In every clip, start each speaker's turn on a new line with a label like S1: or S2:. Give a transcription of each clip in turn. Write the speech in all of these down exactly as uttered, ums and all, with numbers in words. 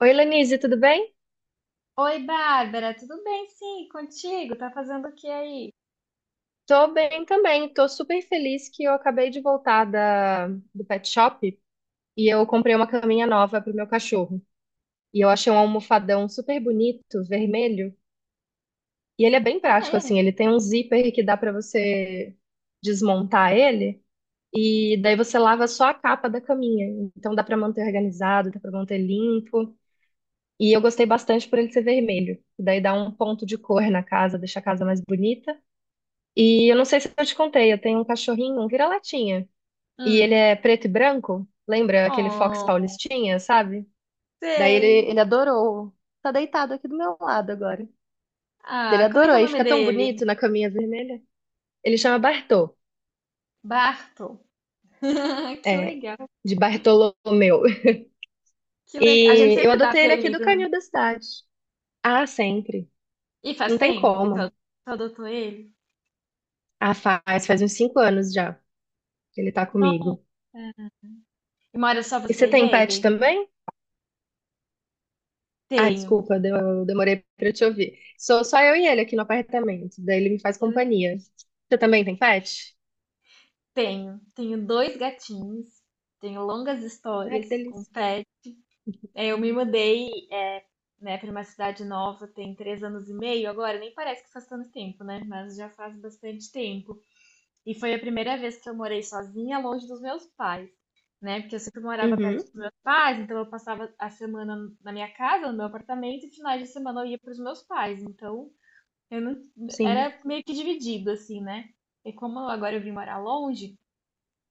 S1: Oi, Lenise, tudo bem?
S2: Oi, Bárbara, tudo bem? Sim, contigo? Tá fazendo o que aí?
S1: Tô bem também. Tô super feliz que eu acabei de voltar da, do pet shop e eu comprei uma caminha nova pro meu cachorro. E eu achei um almofadão super bonito, vermelho. E ele é bem
S2: Ah,
S1: prático,
S2: é?
S1: assim. Ele tem um zíper que dá pra você desmontar ele e daí você lava só a capa da caminha. Então dá pra manter organizado, dá pra manter limpo. E eu gostei bastante por ele ser vermelho. Daí dá um ponto de cor na casa, deixa a casa mais bonita. E eu não sei se eu te contei, eu tenho um cachorrinho, um vira-latinha. E ele
S2: Hum.
S1: é preto e branco. Lembra aquele Fox
S2: Oh,
S1: Paulistinha, sabe? Daí ele,
S2: sei.
S1: ele adorou. Tá deitado aqui do meu lado agora. Ele
S2: Ah, como é
S1: adorou.
S2: que é o
S1: Aí
S2: nome
S1: fica tão
S2: dele?
S1: bonito na caminha vermelha. Ele chama Bartô.
S2: Barto. Que
S1: É,
S2: legal,
S1: de Bartolomeu.
S2: que legal. A gente
S1: E eu
S2: sempre dá
S1: adotei ele aqui do
S2: apelido, né?
S1: canil da cidade. Ah, sempre.
S2: E faz
S1: Não tem
S2: tempo que tu
S1: como.
S2: tu adotou ele?
S1: Ah, faz, faz uns cinco anos já. Ele tá
S2: Nossa.
S1: comigo.
S2: E mora só
S1: E
S2: você
S1: você
S2: e
S1: tem pet
S2: ele?
S1: também? Ah,
S2: Tenho.
S1: desculpa, deu- eu demorei pra te ouvir. Sou só eu e ele aqui no apartamento. Daí ele me faz companhia. Você também tem pet?
S2: Tenho. Tenho dois gatinhos. Tenho longas
S1: Ai, que
S2: histórias com
S1: delícia.
S2: pets. É, eu me mudei, é, né, para uma cidade nova tem três anos e meio agora, nem parece que faz tanto tempo, né? Mas já faz bastante tempo. E foi a primeira vez que eu morei sozinha, longe dos meus pais, né? Porque eu sempre morava perto
S1: Uhum,
S2: dos meus pais, então eu passava a semana na minha casa, no meu apartamento, e finais de semana eu ia para os meus pais. Então eu não
S1: sim,
S2: era meio que dividido assim, né? E como agora eu vim morar longe,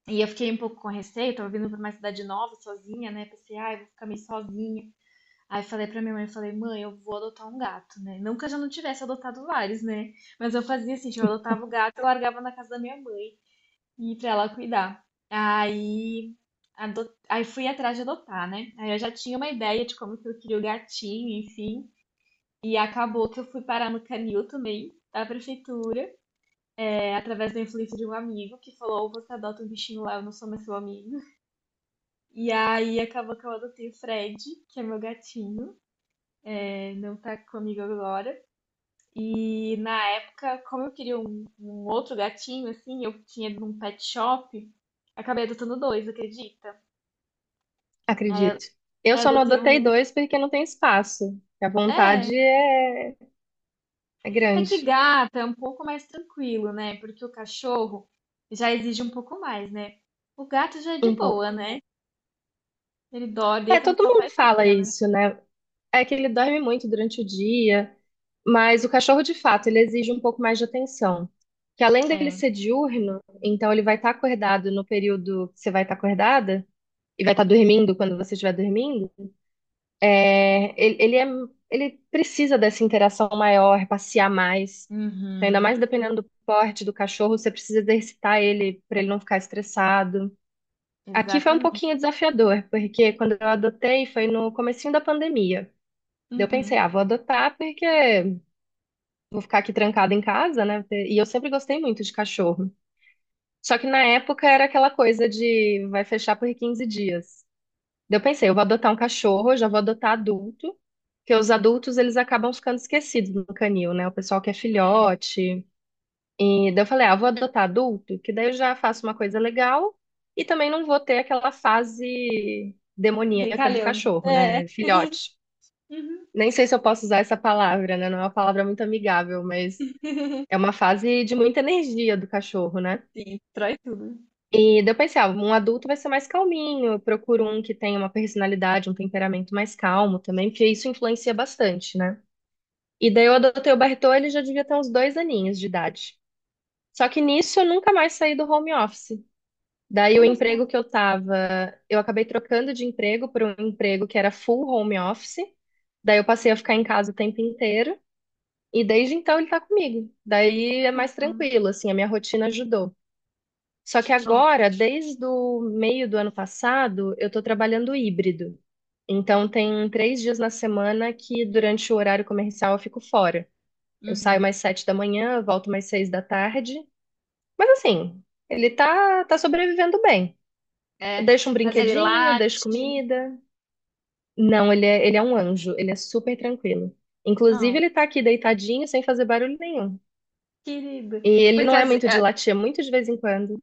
S2: e eu fiquei um pouco com receio, tava vindo para uma cidade nova sozinha, né? Pensei, ah, eu vou ficar meio sozinha. Aí falei pra minha mãe, falei, mãe, eu vou adotar um gato, né? Não que eu já não tivesse adotado vários, né? Mas eu fazia assim, tipo, eu adotava o gato, eu largava na casa da minha mãe e pra ela cuidar. Aí, ado... aí fui atrás de adotar, né? Aí eu já tinha uma ideia de como que eu queria o gatinho, enfim. E acabou que eu fui parar no canil também, da prefeitura, é, através da influência de um amigo que falou: ou você adota um bichinho lá, eu não sou mais seu amigo. E aí acabou que eu adotei o Fred, que é meu gatinho, é, não tá comigo agora. E na época, como eu queria um, um outro gatinho, assim, eu tinha ido num pet shop, acabei adotando dois, acredita? Aí eu aí eu
S1: acredito. Eu só não
S2: adotei
S1: adotei
S2: um.
S1: dois porque não tem espaço. A
S2: É,
S1: vontade é, é
S2: é que
S1: grande,
S2: gata é um pouco mais tranquilo, né? Porque o cachorro já exige um pouco mais, né? O gato já é de
S1: um
S2: boa,
S1: pouco.
S2: né? Ele dorme,
S1: É,
S2: deita no
S1: todo
S2: sofá
S1: mundo
S2: e
S1: fala
S2: fica, né?
S1: isso, né? É que ele dorme muito durante o dia, mas o cachorro, de fato, ele exige um pouco mais de atenção. Que além dele
S2: É.
S1: ser diurno, então ele vai estar acordado no período que você vai estar acordada, e vai estar dormindo quando você estiver dormindo, é, ele, ele, é, ele precisa dessa interação maior, passear mais. Então, ainda mais
S2: Uhum.
S1: dependendo do porte do cachorro, você precisa exercitar ele para ele não ficar estressado. Aqui foi um
S2: Exatamente.
S1: pouquinho desafiador, porque quando eu adotei foi no comecinho da pandemia. Daí eu pensei,
S2: Uhum.
S1: ah, vou adotar porque vou ficar aqui trancada em casa, né? E eu sempre gostei muito de cachorro. Só que na época era aquela coisa de vai fechar por quinze dias. Daí eu pensei, eu vou adotar um cachorro, eu já vou adotar adulto, porque os adultos eles acabam ficando esquecidos no canil, né? O pessoal que é filhote. E daí eu falei, ah, vou adotar adulto, que daí eu já faço uma coisa legal e também não vou ter aquela fase demoníaca do
S2: Brincalhão.
S1: cachorro,
S2: É.
S1: né? Filhote.
S2: Uhum.
S1: Nem sei se eu posso usar essa palavra, né? Não é uma palavra muito amigável, mas é uma fase de muita energia do cachorro, né?
S2: Sim, destrói tudo.
S1: E daí eu pensei, ah, um adulto vai ser mais calminho, eu procuro um que tenha uma personalidade, um temperamento mais calmo também, porque isso influencia bastante, né? E daí eu adotei o Bartô, ele já devia ter uns dois aninhos de idade. Só que nisso eu nunca mais saí do home office. Daí o
S2: Olha
S1: emprego
S2: só.
S1: que eu tava, eu acabei trocando de emprego por um emprego que era full home office. Daí eu passei a ficar em casa o tempo inteiro. E desde então ele tá comigo. Daí é mais
S2: Uhum.
S1: tranquilo, assim, a minha rotina ajudou. Só que
S2: Nossa.
S1: agora, desde o meio do ano passado, eu estou trabalhando híbrido. Então, tem três dias na semana que, durante o horário comercial, eu fico fora. Eu saio
S2: Uhum.
S1: mais sete da manhã, volto mais seis da tarde. Mas, assim, ele tá, tá sobrevivendo bem. Eu
S2: É,
S1: deixo um
S2: mas ele
S1: brinquedinho, deixo
S2: late.
S1: comida. Não, ele é, ele é um anjo, ele é super tranquilo. Inclusive,
S2: Ah,
S1: ele tá aqui deitadinho, sem fazer barulho nenhum.
S2: querido.
S1: E ele
S2: Porque
S1: não é
S2: as-
S1: muito de latir, é muito de vez em quando.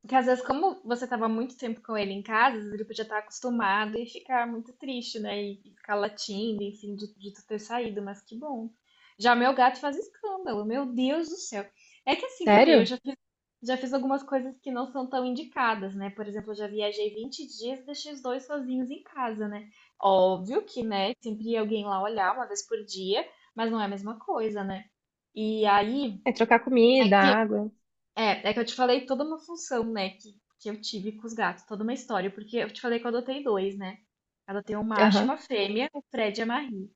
S2: Porque às vezes, como você estava muito tempo com ele em casa, às vezes ele podia estar acostumado e ficar muito triste, né? E e ficar latindo, enfim, de, de tu ter saído, mas que bom. Já meu gato faz escândalo, meu Deus do céu. É que assim também, eu
S1: Sério?
S2: já fiz, já fiz algumas coisas que não são tão indicadas, né? Por exemplo, eu já viajei vinte dias e deixei os dois sozinhos em casa, né? Óbvio que, né, sempre ia alguém lá olhar uma vez por dia, mas não é a mesma coisa, né? E aí,
S1: É trocar
S2: é
S1: comida,
S2: que
S1: água.
S2: é, é que eu te falei toda uma função, né, que, que eu tive com os gatos, toda uma história, porque eu te falei que eu adotei dois, né? Eu adotei um macho e uma
S1: Aham.
S2: fêmea, o Fred e a Marie.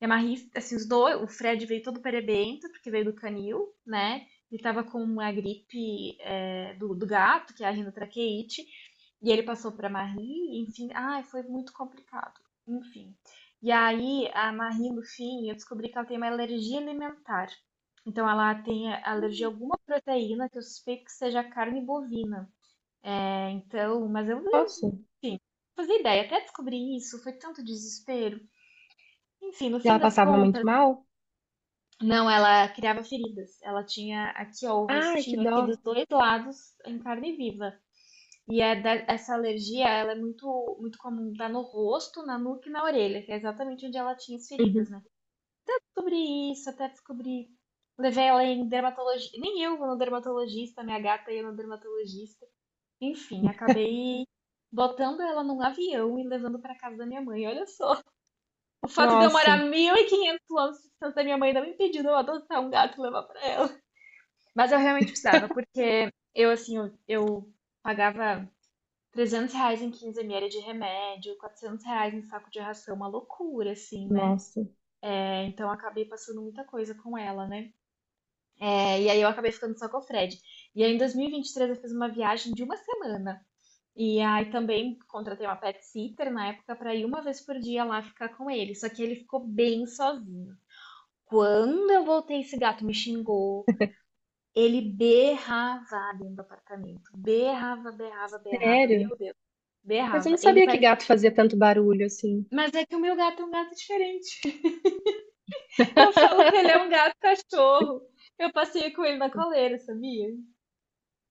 S2: E a Marie, assim, os dois, o Fred veio todo perebento, porque veio do canil, né? Ele tava com a gripe é, do, do gato, que é a rinotraqueite, e ele passou pra Marie, enfim, ai, foi muito complicado. Enfim. E aí, a Marie, no fim, eu descobri que ela tem uma alergia alimentar. Então, ela tem alergia a alguma proteína que eu suspeito que seja carne bovina. É, então, mas eu,
S1: Nossa,
S2: enfim, não fazia ideia. Até descobrir isso, foi tanto desespero. Enfim, no
S1: e
S2: fim
S1: ela
S2: das
S1: passava muito
S2: contas.
S1: mal?
S2: Não, ela criava feridas. Ela tinha aqui, ó, o
S1: Ai, que
S2: rostinho
S1: dó.
S2: aqui dos dois lados em carne viva. E é da- essa alergia, ela é muito, muito comum, dá no rosto, na nuca e na orelha, que é exatamente onde ela tinha as feridas,
S1: Uhum.
S2: né? Descobri isso, até descobri. Levei ela em dermatologista. Nem eu vou no dermatologista, minha gata ia no dermatologista. Enfim, acabei botando ela num avião e levando pra casa da minha mãe. Olha só. O fato de eu morar
S1: Nossa,
S2: mil e quinhentos quilômetros de distância da minha mãe não me impediu de eu adotar um gato e levar pra ela. Mas eu realmente precisava, porque eu, assim, eu, eu pagava trezentos reais em quinze ml de remédio, quatrocentos reais em saco de ração, uma loucura, assim, né?
S1: nossa.
S2: É, então eu acabei passando muita coisa com ela, né? É, e aí eu acabei ficando só com o Fred. E aí em dois mil e vinte e três eu fiz uma viagem de uma semana. E aí também contratei uma pet sitter na época pra ir uma vez por dia lá ficar com ele. Só que ele ficou bem sozinho. Quando eu voltei, esse gato me xingou. Ele berrava dentro do apartamento. Berrava, berrava, berrava.
S1: Sério?
S2: Meu Deus,
S1: Mas eu não
S2: berrava. Ele
S1: sabia que
S2: parecia.
S1: gato fazia tanto barulho assim.
S2: Mas é que o meu gato é um gato diferente. Eu falo que ele é um gato cachorro. Eu passeio com ele na coleira, sabia?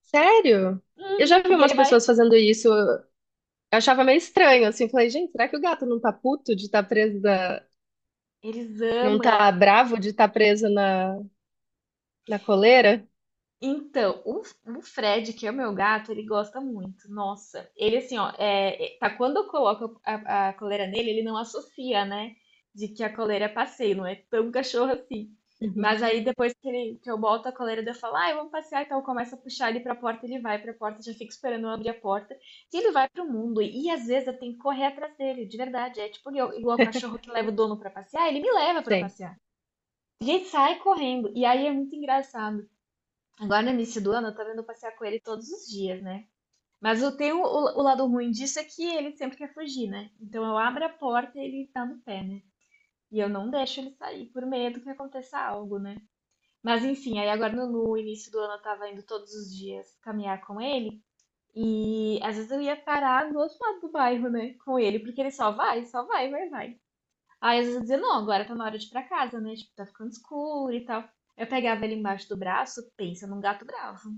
S1: Sério? Eu já vi
S2: E
S1: umas
S2: ele vai.
S1: pessoas fazendo isso. Eu achava meio estranho, assim. Falei, gente, será que o gato não tá puto de estar preso da...
S2: Eles
S1: Não tá
S2: amam.
S1: bravo de estar preso na, na coleira?
S2: Então, o, o Fred, que é o meu gato, ele gosta muito. Nossa, ele assim, ó, é, é- tá, quando eu coloco a, a coleira nele, ele não associa, né? De que a coleira é passeio, não é tão cachorro assim.
S1: Uhum.
S2: Mas aí depois que, ele, que eu boto a coleira, daí eu falo, ah, vamos passear, então eu começo a puxar ele pra porta, ele vai pra porta, já fico esperando eu abrir a porta, e ele vai pro mundo. E às vezes eu tenho que correr atrás dele, de verdade. É tipo igual, igual o cachorro que leva o dono pra passear, ele me leva pra
S1: Sei,
S2: passear. E ele sai correndo. E aí é muito engraçado. Agora no início do ano eu tô vendo passear com ele todos os dias, né? Mas eu tenho o, o lado ruim disso é que ele sempre quer fugir, né? Então eu abro a porta e ele tá no pé, né? E eu não deixo ele sair por medo que aconteça algo, né? Mas enfim, aí agora no, no início do ano eu tava indo todos os dias caminhar com ele. E às vezes eu ia parar do outro lado do bairro, né? Com ele, porque ele só vai, só vai, vai, vai. Aí às vezes eu dizia, não, agora tá na hora de ir pra casa, né? Tipo, tá ficando escuro e tal. Eu pegava ele embaixo do braço, pensa num gato bravo.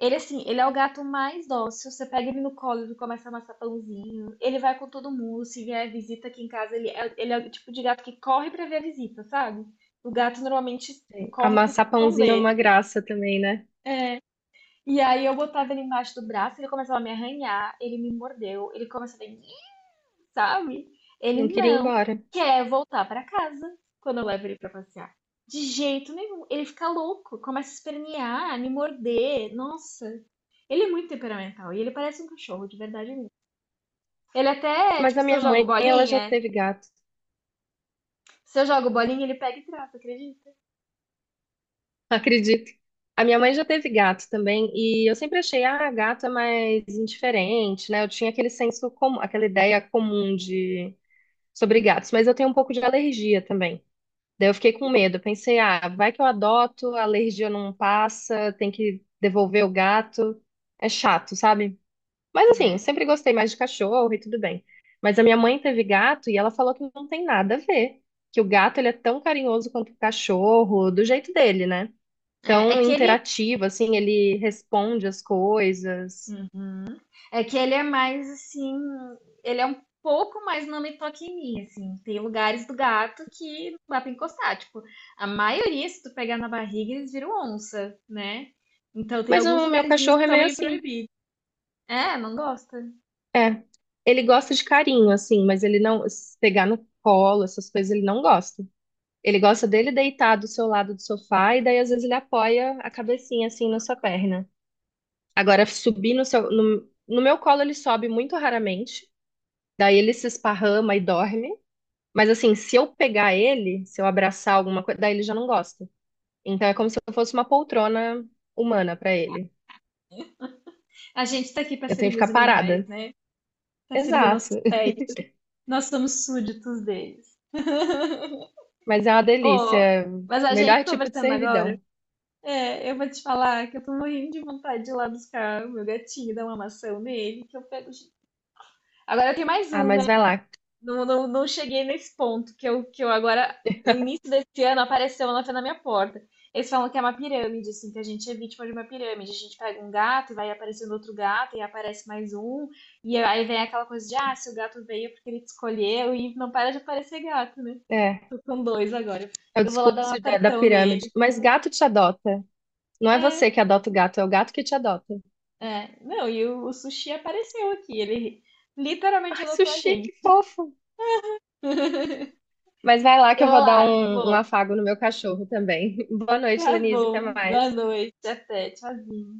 S2: Ele, assim, ele é o gato mais dócil. Você pega ele no colo, ele começa a amassar pãozinho. Ele vai com todo mundo. Se vier visita aqui em casa, ele é, ele é o tipo de gato que corre pra ver a visita, sabe? O gato normalmente
S1: sei.
S2: corre pra se
S1: Amassar pãozinho é
S2: esconder.
S1: uma graça também, né?
S2: É. E aí eu botava ele embaixo do braço, ele começava a me arranhar, ele me mordeu, ele começava a me, sabe?
S1: Não
S2: Ele
S1: queria ir
S2: não
S1: embora.
S2: quer voltar pra casa quando eu levo ele pra passear. De jeito nenhum. Ele fica louco, começa a espernear, me morder. Nossa, ele é muito temperamental e ele parece um cachorro, de verdade mesmo. Ele até,
S1: Mas
S2: tipo,
S1: a
S2: se
S1: minha
S2: eu jogo
S1: mãe, ela já
S2: bolinha,
S1: teve gato.
S2: se eu jogo bolinha, ele pega e trata, acredita?
S1: Acredito. A minha mãe já teve gato também, e eu sempre achei, ah, gato é mais indiferente, né? Eu tinha aquele senso comum, aquela ideia comum de sobre gatos, mas eu tenho um pouco de alergia também. Daí eu fiquei com medo, eu pensei, ah, vai que eu adoto, a alergia não passa, tem que devolver o gato. É chato, sabe? Mas assim, eu sempre gostei mais de cachorro e tudo bem. Mas a minha mãe teve gato e ela falou que não tem nada a ver, que o gato ele é tão carinhoso quanto o cachorro, do jeito dele, né?
S2: É, é é
S1: Tão
S2: que ele.
S1: interativo, assim, ele responde as coisas.
S2: Uhum. É que ele é mais assim. Ele é um pouco mais não me toque em mim, assim. Tem lugares do gato que não dá pra encostar. Tipo, a maioria, se tu pegar na barriga, eles viram onça, né? Então tem
S1: Mas
S2: alguns
S1: o meu
S2: lugarzinhos
S1: cachorro
S2: que
S1: é
S2: são
S1: meio
S2: meio
S1: assim.
S2: proibidos. É, não gosta.
S1: É. Ele gosta de carinho, assim, mas ele não. Se pegar no colo, essas coisas, ele não gosta. Ele gosta dele deitar do seu lado do sofá e daí às vezes ele apoia a cabecinha assim na sua perna. Agora, subir no seu. No, no meu colo ele sobe muito raramente. Daí ele se esparrama e dorme. Mas assim, se eu pegar ele, se eu abraçar alguma coisa, daí ele já não gosta. Então é como se eu fosse uma poltrona humana pra ele.
S2: A gente tá aqui pra
S1: Eu tenho que
S2: servir
S1: ficar
S2: os animais,
S1: parada.
S2: né? Pra servir nossos
S1: Exato.
S2: pets. Nós somos súditos deles.
S1: Mas é uma
S2: Oh,
S1: delícia.
S2: mas a gente
S1: Melhor tipo de
S2: conversando agora,
S1: servidão.
S2: é, eu vou te falar que eu tô morrendo de vontade de ir lá buscar o meu gatinho, dar uma maçã nele, que eu pego. Agora tem mais
S1: Ah,
S2: um,
S1: mas
S2: né?
S1: vai lá.
S2: Não, não, não cheguei nesse ponto que eu, que eu, agora. O início desse ano apareceu na na minha porta. Eles falam que é uma pirâmide, assim, que a gente é vítima de uma pirâmide. A gente pega um gato e vai aparecendo outro gato, e aparece mais um, e aí vem aquela coisa de, ah, se o gato veio é porque ele te escolheu, e não para de aparecer gato, né?
S1: É,
S2: Tô com dois agora.
S1: é o
S2: Eu vou lá dar um
S1: discurso da, da
S2: apertão
S1: pirâmide.
S2: nele.
S1: Mas gato te adota. Não é você que adota o gato, é o gato que te adota.
S2: É, não, e o, o Sushi apareceu aqui. Ele literalmente
S1: Ai,
S2: adotou a
S1: sushi, que
S2: gente.
S1: fofo. Mas vai lá que
S2: Eu
S1: eu
S2: vou
S1: vou dar
S2: lá,
S1: um, um
S2: vou.
S1: afago no meu cachorro também. Boa noite,
S2: Tá
S1: Lenise. Até
S2: bom. Boa
S1: mais.
S2: noite. Até. Tchauzinho.